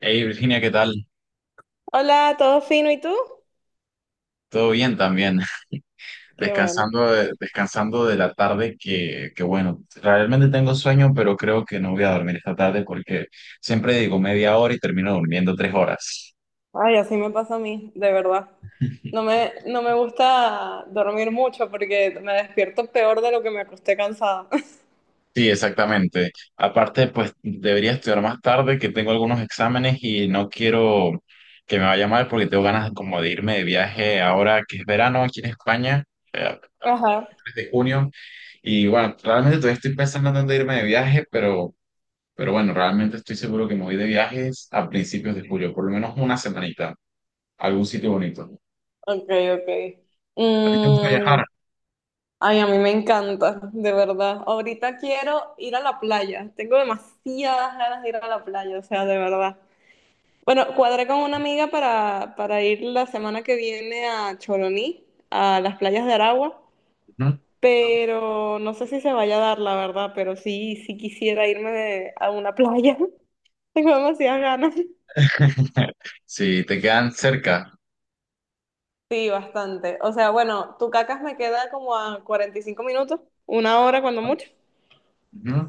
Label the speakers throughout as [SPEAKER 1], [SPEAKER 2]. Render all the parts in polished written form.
[SPEAKER 1] Hey Virginia, ¿qué tal?
[SPEAKER 2] Hola, ¿todo fino? ¿Y tú?
[SPEAKER 1] Todo bien también.
[SPEAKER 2] Qué bueno.
[SPEAKER 1] Descansando de la tarde que bueno, realmente tengo sueño, pero creo que no voy a dormir esta tarde porque siempre digo media hora y termino durmiendo 3 horas.
[SPEAKER 2] Ay, así me pasa a mí, de verdad. No me gusta dormir mucho porque me despierto peor de lo que me acosté cansada.
[SPEAKER 1] Sí, exactamente. Aparte, pues debería estudiar más tarde, que tengo algunos exámenes y no quiero que me vaya mal porque tengo ganas como de irme de viaje ahora que es verano aquí en España, a
[SPEAKER 2] Ajá,
[SPEAKER 1] fines de junio. Y bueno, realmente todavía estoy pensando en dónde irme de viaje, pero bueno, realmente estoy seguro que me voy de viajes a principios de julio, por lo menos una semanita, a algún sitio bonito.
[SPEAKER 2] ok, ok.
[SPEAKER 1] ¿A ti te gusta
[SPEAKER 2] Mm,
[SPEAKER 1] viajar?
[SPEAKER 2] ay, a mí me encanta, de verdad. Ahorita quiero ir a la playa. Tengo demasiadas ganas de ir a la playa, o sea, de verdad. Bueno, cuadré con una amiga para ir la semana que viene a Choroní, a las playas de Aragua.
[SPEAKER 1] Ujú.
[SPEAKER 2] Pero no sé si se vaya a dar, la verdad, pero sí, sí quisiera a una playa. Tengo demasiadas ganas.
[SPEAKER 1] Si te quedan cerca.
[SPEAKER 2] Sí, bastante. O sea, bueno, Tucacas me queda como a 45 minutos, una hora cuando mucho.
[SPEAKER 1] Ujú.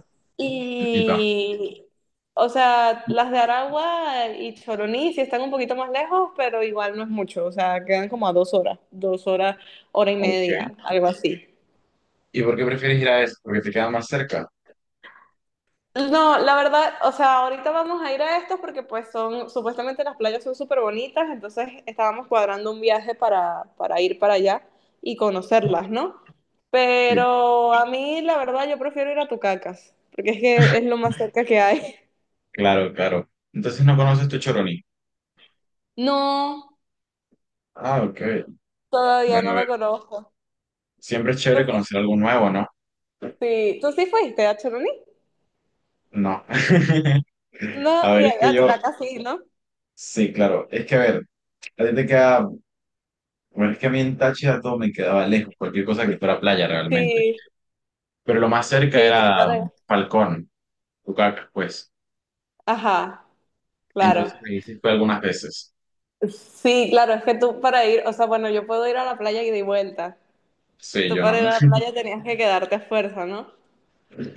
[SPEAKER 1] Cerquita.
[SPEAKER 2] Y, o sea, las de Aragua y Choroní sí están un poquito más lejos, pero igual no es mucho. O sea, quedan como a dos horas, hora y
[SPEAKER 1] Ok.
[SPEAKER 2] media, algo así.
[SPEAKER 1] ¿Y por qué prefieres ir a eso? Porque te quedan más cerca.
[SPEAKER 2] No, la verdad, o sea, ahorita vamos a ir a estos porque pues son, supuestamente las playas son súper bonitas, entonces estábamos cuadrando un viaje para ir para allá y conocerlas, ¿no?
[SPEAKER 1] Sí.
[SPEAKER 2] Pero a mí, la verdad, yo prefiero ir a Tucacas, porque es que es lo más cerca que hay.
[SPEAKER 1] Claro, claro. Entonces no conoces tu Choroní.
[SPEAKER 2] No,
[SPEAKER 1] Ah, ok.
[SPEAKER 2] todavía
[SPEAKER 1] Bueno, a
[SPEAKER 2] no
[SPEAKER 1] ver.
[SPEAKER 2] lo conozco.
[SPEAKER 1] Siempre es
[SPEAKER 2] ¿Tú
[SPEAKER 1] chévere
[SPEAKER 2] sí,
[SPEAKER 1] conocer algo nuevo, ¿no?
[SPEAKER 2] sí, tú sí fuiste a Choroní?
[SPEAKER 1] No.
[SPEAKER 2] No,
[SPEAKER 1] A ver, es que
[SPEAKER 2] a
[SPEAKER 1] yo,
[SPEAKER 2] Tucacas sí, ¿no?
[SPEAKER 1] sí, claro. Es que a ver, a ti te queda Bueno, es que a mí en Táchira todo me quedaba lejos, cualquier cosa que fuera playa realmente.
[SPEAKER 2] Sí,
[SPEAKER 1] Pero lo más cerca
[SPEAKER 2] sí, tú
[SPEAKER 1] era
[SPEAKER 2] para allá.
[SPEAKER 1] Falcón, Tucacas, pues.
[SPEAKER 2] Ajá, claro.
[SPEAKER 1] Entonces ahí sí fue algunas veces.
[SPEAKER 2] Sí, claro, es que tú para ir, o sea, bueno, yo puedo ir a la playa y de vuelta.
[SPEAKER 1] Sí,
[SPEAKER 2] Tú
[SPEAKER 1] yo no.
[SPEAKER 2] para ir a la playa tenías que quedarte a fuerza, ¿no?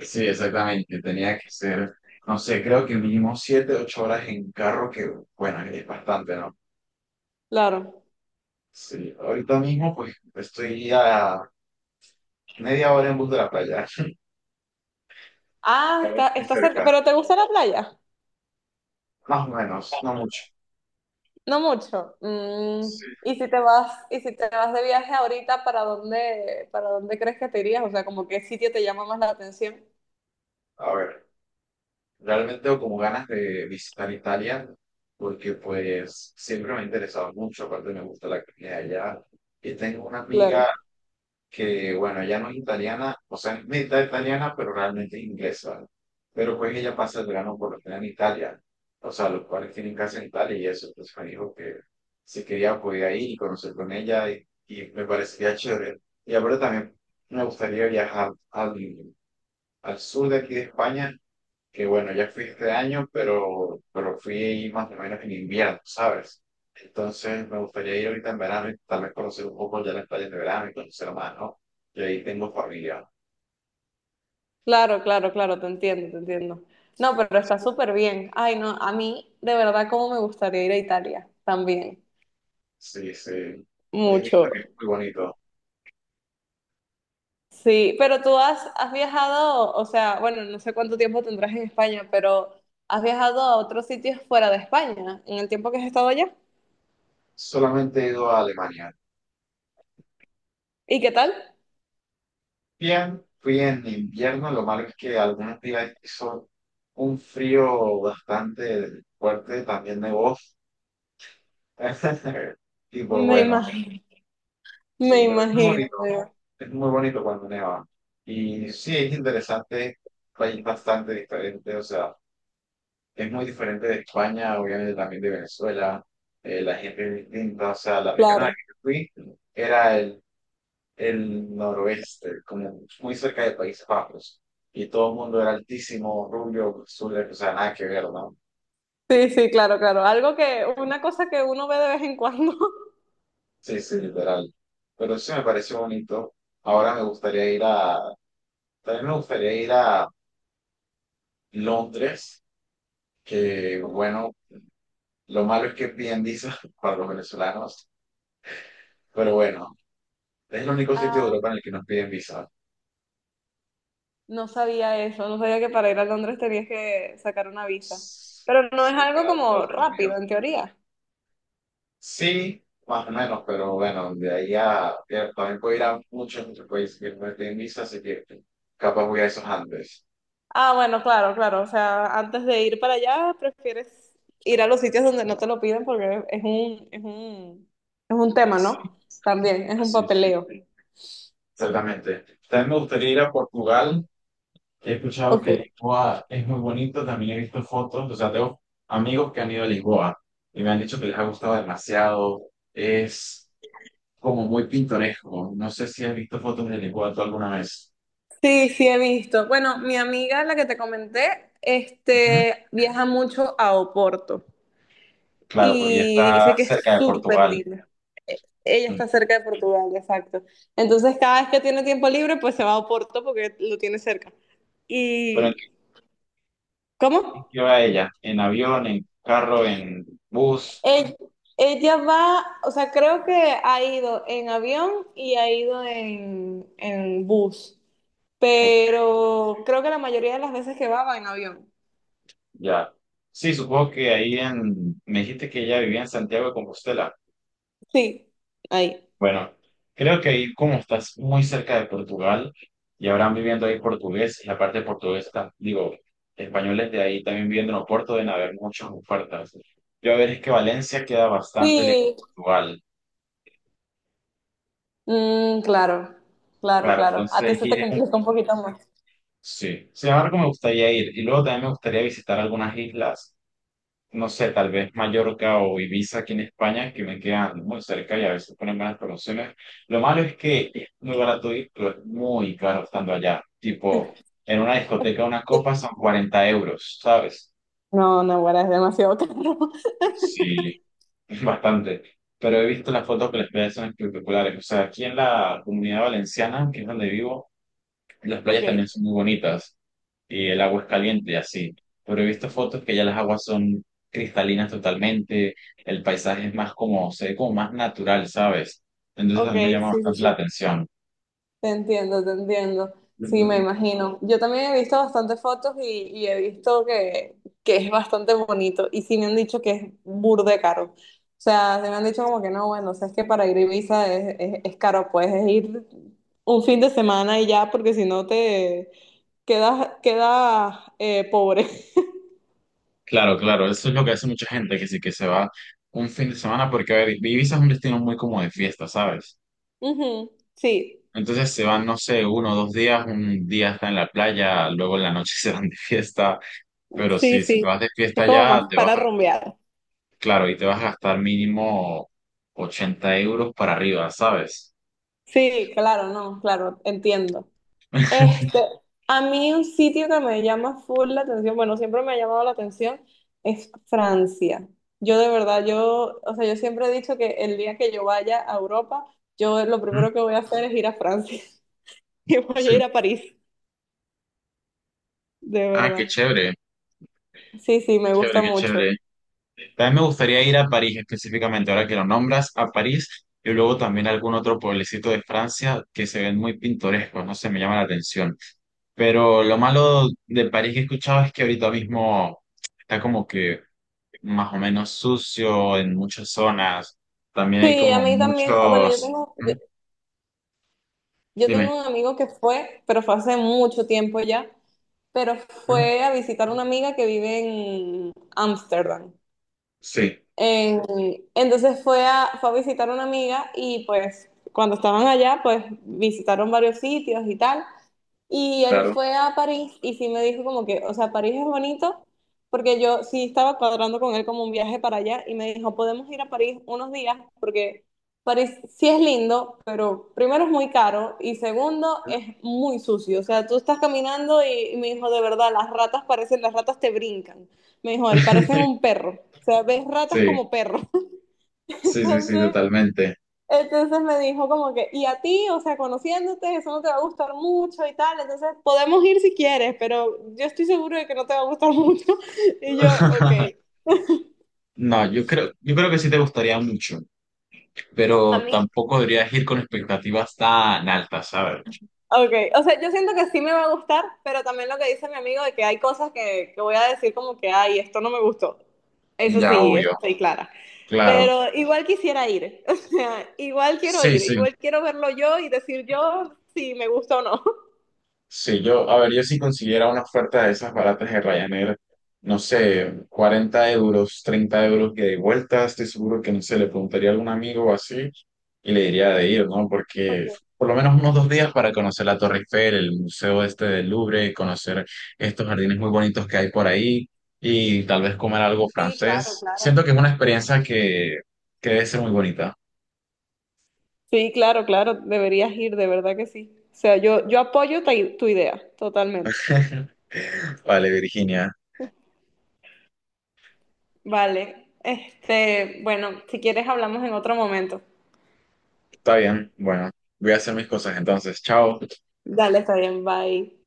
[SPEAKER 1] Sí, exactamente. No sé, creo que mínimo 7, 8 horas en carro, que bueno, es bastante, ¿no?
[SPEAKER 2] Claro.
[SPEAKER 1] Sí, ahorita mismo pues estoy a media hora en bus de la playa.
[SPEAKER 2] Ah,
[SPEAKER 1] A ver,
[SPEAKER 2] está,
[SPEAKER 1] estoy
[SPEAKER 2] está cerca.
[SPEAKER 1] cerca.
[SPEAKER 2] ¿Pero te gusta la playa?
[SPEAKER 1] Más o menos, no mucho.
[SPEAKER 2] No mucho. Mm,
[SPEAKER 1] Sí.
[SPEAKER 2] ¿y si te vas de viaje ahorita, para dónde, para dónde crees que te irías? O sea, como qué sitio te llama más la atención.
[SPEAKER 1] A ver. Realmente tengo como ganas de visitar Italia porque pues siempre me ha interesado mucho, aparte me gusta la comida de allá. Y tengo una amiga
[SPEAKER 2] Claro.
[SPEAKER 1] que, bueno, ella no es italiana, o sea, es mitad italiana, pero realmente es inglesa. Pero pues ella pasa el verano por lo general en Italia, o sea, los cuales tienen casa en Italia y eso, entonces me dijo que si quería podía ir y conocer con ella y me parecería chévere. Y ahora también me gustaría viajar al, al sur de aquí de España que bueno, ya fui este año, pero fui más o menos en invierno, ¿sabes? Entonces me gustaría ir ahorita en verano y tal vez conocer un poco ya las playas de verano y conocer más, ¿no? Y ahí tengo familia.
[SPEAKER 2] Claro, claro, claro, te entiendo, te entiendo. No, pero está súper bien. Ay, no, a mí de verdad como me gustaría ir a Italia también.
[SPEAKER 1] Sí, sí. He visto
[SPEAKER 2] Mucho.
[SPEAKER 1] que es muy bonito.
[SPEAKER 2] Sí, has viajado, o sea, bueno, no sé cuánto tiempo tendrás en España, pero has viajado a otros sitios fuera de España en el tiempo que has estado allá.
[SPEAKER 1] Solamente he ido a Alemania.
[SPEAKER 2] ¿Y qué tal?
[SPEAKER 1] Bien, fui en invierno, lo malo es que algunos días hizo un frío bastante fuerte, también de voz. Y pues
[SPEAKER 2] Me
[SPEAKER 1] bueno,
[SPEAKER 2] imagino,
[SPEAKER 1] sí,
[SPEAKER 2] me
[SPEAKER 1] pero es muy
[SPEAKER 2] imagino,
[SPEAKER 1] bonito. Es muy bonito cuando neva. Y sí, es interesante, país bastante diferente, o sea, es muy diferente de España, obviamente también de Venezuela, la gente es distinta, o sea, la región a la que
[SPEAKER 2] claro.
[SPEAKER 1] yo fui era el noroeste, como muy cerca de Países Bajos, y todo el mundo era altísimo, rubio, azul, o sea, nada que ver, ¿no?
[SPEAKER 2] Sí. Sí, claro, claro. Algo que, una cosa que uno ve de vez en cuando.
[SPEAKER 1] Sí, sí, literal. Pero sí me pareció bonito. Ahora me gustaría ir a, también me gustaría ir a Londres que bueno, lo malo es que piden visa para los venezolanos, pero bueno, es el único sitio de
[SPEAKER 2] Ah,
[SPEAKER 1] Europa en el que nos piden visa.
[SPEAKER 2] no sabía eso, no sabía que para ir a Londres tenías que sacar una visa. Pero no
[SPEAKER 1] Sí,
[SPEAKER 2] es algo
[SPEAKER 1] para todo el
[SPEAKER 2] como
[SPEAKER 1] Reino Unido.
[SPEAKER 2] rápido, en teoría.
[SPEAKER 1] Sí, más o menos, pero bueno, de ahí a... Ya, también puedo ir a muchos otros países que no me piden visa, así que capaz voy a esos antes.
[SPEAKER 2] Ah, bueno, claro, claro. O sea, antes de ir para allá, prefieres ir a los sitios donde no te lo piden porque es un tema,
[SPEAKER 1] Sí,
[SPEAKER 2] ¿no? También, es un
[SPEAKER 1] sí, sí.
[SPEAKER 2] papeleo.
[SPEAKER 1] Exactamente. También me gustaría ir a Portugal. He escuchado
[SPEAKER 2] Ok.
[SPEAKER 1] que Lisboa es muy bonito, también he visto fotos, o sea, tengo amigos que han ido a Lisboa y me han dicho que les ha gustado demasiado, es como muy pintoresco, no sé si has visto fotos de Lisboa tú alguna vez.
[SPEAKER 2] Sí, sí, he visto. Bueno, mi amiga, la que te comenté,
[SPEAKER 1] Ujú.
[SPEAKER 2] este, viaja mucho a Oporto
[SPEAKER 1] Claro, porque ya
[SPEAKER 2] y
[SPEAKER 1] está
[SPEAKER 2] dice que es
[SPEAKER 1] cerca de
[SPEAKER 2] súper
[SPEAKER 1] Portugal.
[SPEAKER 2] lindo. Ella
[SPEAKER 1] Mm.
[SPEAKER 2] está cerca de Portugal, exacto. Entonces, cada vez que tiene tiempo libre, pues se va a Oporto porque lo tiene cerca.
[SPEAKER 1] ¿Pero en
[SPEAKER 2] ¿Y
[SPEAKER 1] qué
[SPEAKER 2] cómo?
[SPEAKER 1] qué va ella? ¿En avión, en carro, en bus?
[SPEAKER 2] Ell- Ella o sea, creo que ha ido en avión y ha ido en bus,
[SPEAKER 1] Ok.
[SPEAKER 2] pero creo que la mayoría de las veces que va va en avión.
[SPEAKER 1] Ya. Sí, supongo que ahí en... Me dijiste que ella vivía en Santiago de Compostela.
[SPEAKER 2] Sí, ahí.
[SPEAKER 1] Bueno, creo que ahí como estás muy cerca de Portugal y habrán viviendo ahí portugués, y aparte portuguesa, digo, españoles de ahí también viviendo en Oporto deben haber muchas ofertas. Yo a ver es que Valencia queda bastante lejos de
[SPEAKER 2] Sí,
[SPEAKER 1] Portugal.
[SPEAKER 2] mm, claro,
[SPEAKER 1] Claro,
[SPEAKER 2] claro. A
[SPEAKER 1] entonces
[SPEAKER 2] ti se te
[SPEAKER 1] ir es un...
[SPEAKER 2] complica un poquito más.
[SPEAKER 1] Sí, sin embargo me gustaría ir y luego también me gustaría visitar algunas islas, no sé, tal vez Mallorca o Ibiza aquí en España, que me quedan muy cerca y a veces ponen buenas promociones. Lo malo es que es muy barato ir, pero es muy caro estando allá. Tipo, en una discoteca una copa son
[SPEAKER 2] Sí.
[SPEAKER 1] 40 euros, ¿sabes?
[SPEAKER 2] No, no, bueno, es demasiado caro.
[SPEAKER 1] Sí, es bastante. Pero he visto las fotos que las playas son espectaculares. O sea, aquí en la comunidad valenciana, que es donde vivo, las playas también
[SPEAKER 2] Ok,
[SPEAKER 1] son muy bonitas. Y el agua es caliente y así. Pero he visto fotos que ya las aguas son cristalinas totalmente, el paisaje es más como, se ve como más natural, ¿sabes? Entonces a
[SPEAKER 2] ok,
[SPEAKER 1] mí me llama
[SPEAKER 2] sí, sí,
[SPEAKER 1] bastante la
[SPEAKER 2] sí.
[SPEAKER 1] atención.
[SPEAKER 2] Te entiendo, te entiendo. Sí, me imagino. Yo también he visto bastantes fotos y he visto que es bastante bonito. Y sí me han dicho que es burde caro. O sea, se me han dicho como que no, bueno, o sea, es que para ir a Ibiza es caro. Puedes ir un fin de semana y ya, porque si no te quedas pobre.
[SPEAKER 1] Claro, claro, eso es lo que hace mucha gente, que sí que se va un fin de semana, porque a ver, Ibiza es un destino muy como de fiesta, ¿sabes?
[SPEAKER 2] Ujú, sí,
[SPEAKER 1] Entonces se van, no sé, uno o dos días, un día está en la playa, luego en la noche se van de fiesta, pero
[SPEAKER 2] sí,
[SPEAKER 1] sí, si te
[SPEAKER 2] sí.
[SPEAKER 1] vas de
[SPEAKER 2] Es
[SPEAKER 1] fiesta
[SPEAKER 2] como
[SPEAKER 1] ya,
[SPEAKER 2] más
[SPEAKER 1] te vas.
[SPEAKER 2] para rumbear.
[SPEAKER 1] Claro, y te vas a gastar mínimo 80 euros para arriba, ¿sabes?
[SPEAKER 2] Sí, claro, no, claro, entiendo. Este, a mí un sitio que me llama full la atención, bueno, siempre me ha llamado la atención, es Francia. Yo de verdad, yo, o sea, yo siempre he dicho que el día que yo vaya a Europa, yo lo
[SPEAKER 1] Ujú.
[SPEAKER 2] primero que voy a hacer es ir a Francia y voy a
[SPEAKER 1] Sí.
[SPEAKER 2] ir a París, de
[SPEAKER 1] Ah, qué
[SPEAKER 2] verdad.
[SPEAKER 1] chévere,
[SPEAKER 2] Sí, sí,
[SPEAKER 1] qué
[SPEAKER 2] me
[SPEAKER 1] chévere,
[SPEAKER 2] gusta
[SPEAKER 1] qué
[SPEAKER 2] mucho.
[SPEAKER 1] chévere. También me gustaría ir a París específicamente, ahora que lo nombras, a París y luego también a algún otro pueblecito de Francia que se ven muy pintorescos, no sé, me llama la atención. Pero lo malo de París que he escuchado es que ahorita mismo está como que más o menos sucio en muchas zonas. También hay
[SPEAKER 2] Sí, a
[SPEAKER 1] como
[SPEAKER 2] mí también, bueno, yo
[SPEAKER 1] muchos...
[SPEAKER 2] tengo,
[SPEAKER 1] ¿Mm?
[SPEAKER 2] yo, yo
[SPEAKER 1] Dime.
[SPEAKER 2] tengo un amigo que fue, pero fue hace mucho tiempo ya, pero
[SPEAKER 1] ¿Mm?
[SPEAKER 2] fue a visitar a una amiga que vive en Ámsterdam.
[SPEAKER 1] Sí,
[SPEAKER 2] En- fue a visitar a una amiga y pues cuando estaban allá, pues visitaron varios sitios y tal. Y él
[SPEAKER 1] claro.
[SPEAKER 2] fue a París y sí me dijo como que, o sea, París es bonito porque yo sí estaba cuadrando con él como un viaje para allá y me dijo, podemos ir a París unos días porque París sí es lindo, pero primero es muy caro y segundo es muy sucio. O sea, tú estás caminando y me dijo, de verdad, las ratas parecen, las ratas te brincan. Me dijo, él parecen un perro. O sea, ves ratas
[SPEAKER 1] Sí,
[SPEAKER 2] como perros.
[SPEAKER 1] sí, sí, sí,
[SPEAKER 2] Entonces,
[SPEAKER 1] totalmente.
[SPEAKER 2] entonces me dijo como que, y a ti, o sea, conociéndote, eso no te va a gustar mucho y tal. Entonces, podemos ir si quieres, pero yo estoy seguro de que no te va a gustar mucho. Y yo, ok.
[SPEAKER 1] No, yo creo que sí te gustaría mucho,
[SPEAKER 2] A
[SPEAKER 1] pero
[SPEAKER 2] mí,
[SPEAKER 1] tampoco deberías ir con expectativas tan altas, ¿sabes?
[SPEAKER 2] ok, o sea, yo siento que sí me va a gustar, pero también lo que dice mi amigo de que hay cosas que voy a decir como que, ay, esto no me gustó. Eso
[SPEAKER 1] Ya,
[SPEAKER 2] sí,
[SPEAKER 1] obvio,
[SPEAKER 2] estoy clara.
[SPEAKER 1] claro.
[SPEAKER 2] Pero igual quisiera ir, o sea, igual quiero
[SPEAKER 1] Sí,
[SPEAKER 2] ir,
[SPEAKER 1] sí.
[SPEAKER 2] igual quiero verlo yo y decir yo si me gusta o no.
[SPEAKER 1] Si yo, a ver, yo si consiguiera una oferta de esas baratas de Ryanair, no sé, 40 euros, 30 euros que de vuelta, estoy seguro que, no sé, le preguntaría a algún amigo o así y le diría de ir, ¿no? Porque por lo menos unos 2 días para conocer la Torre Eiffel, el museo este del Louvre, conocer estos jardines muy bonitos que hay por ahí y tal vez comer algo
[SPEAKER 2] Sí, claro,
[SPEAKER 1] francés.
[SPEAKER 2] claro.
[SPEAKER 1] Siento que es una experiencia que debe ser muy bonita.
[SPEAKER 2] Sí, claro, claro, deberías ir, de verdad que sí. O sea, yo apoyo tu idea, totalmente.
[SPEAKER 1] Vale, Virginia,
[SPEAKER 2] Vale, este, bueno, si quieres hablamos en otro momento.
[SPEAKER 1] está bien, bueno, voy a hacer mis cosas entonces, chao.
[SPEAKER 2] Dale, está bien, bye.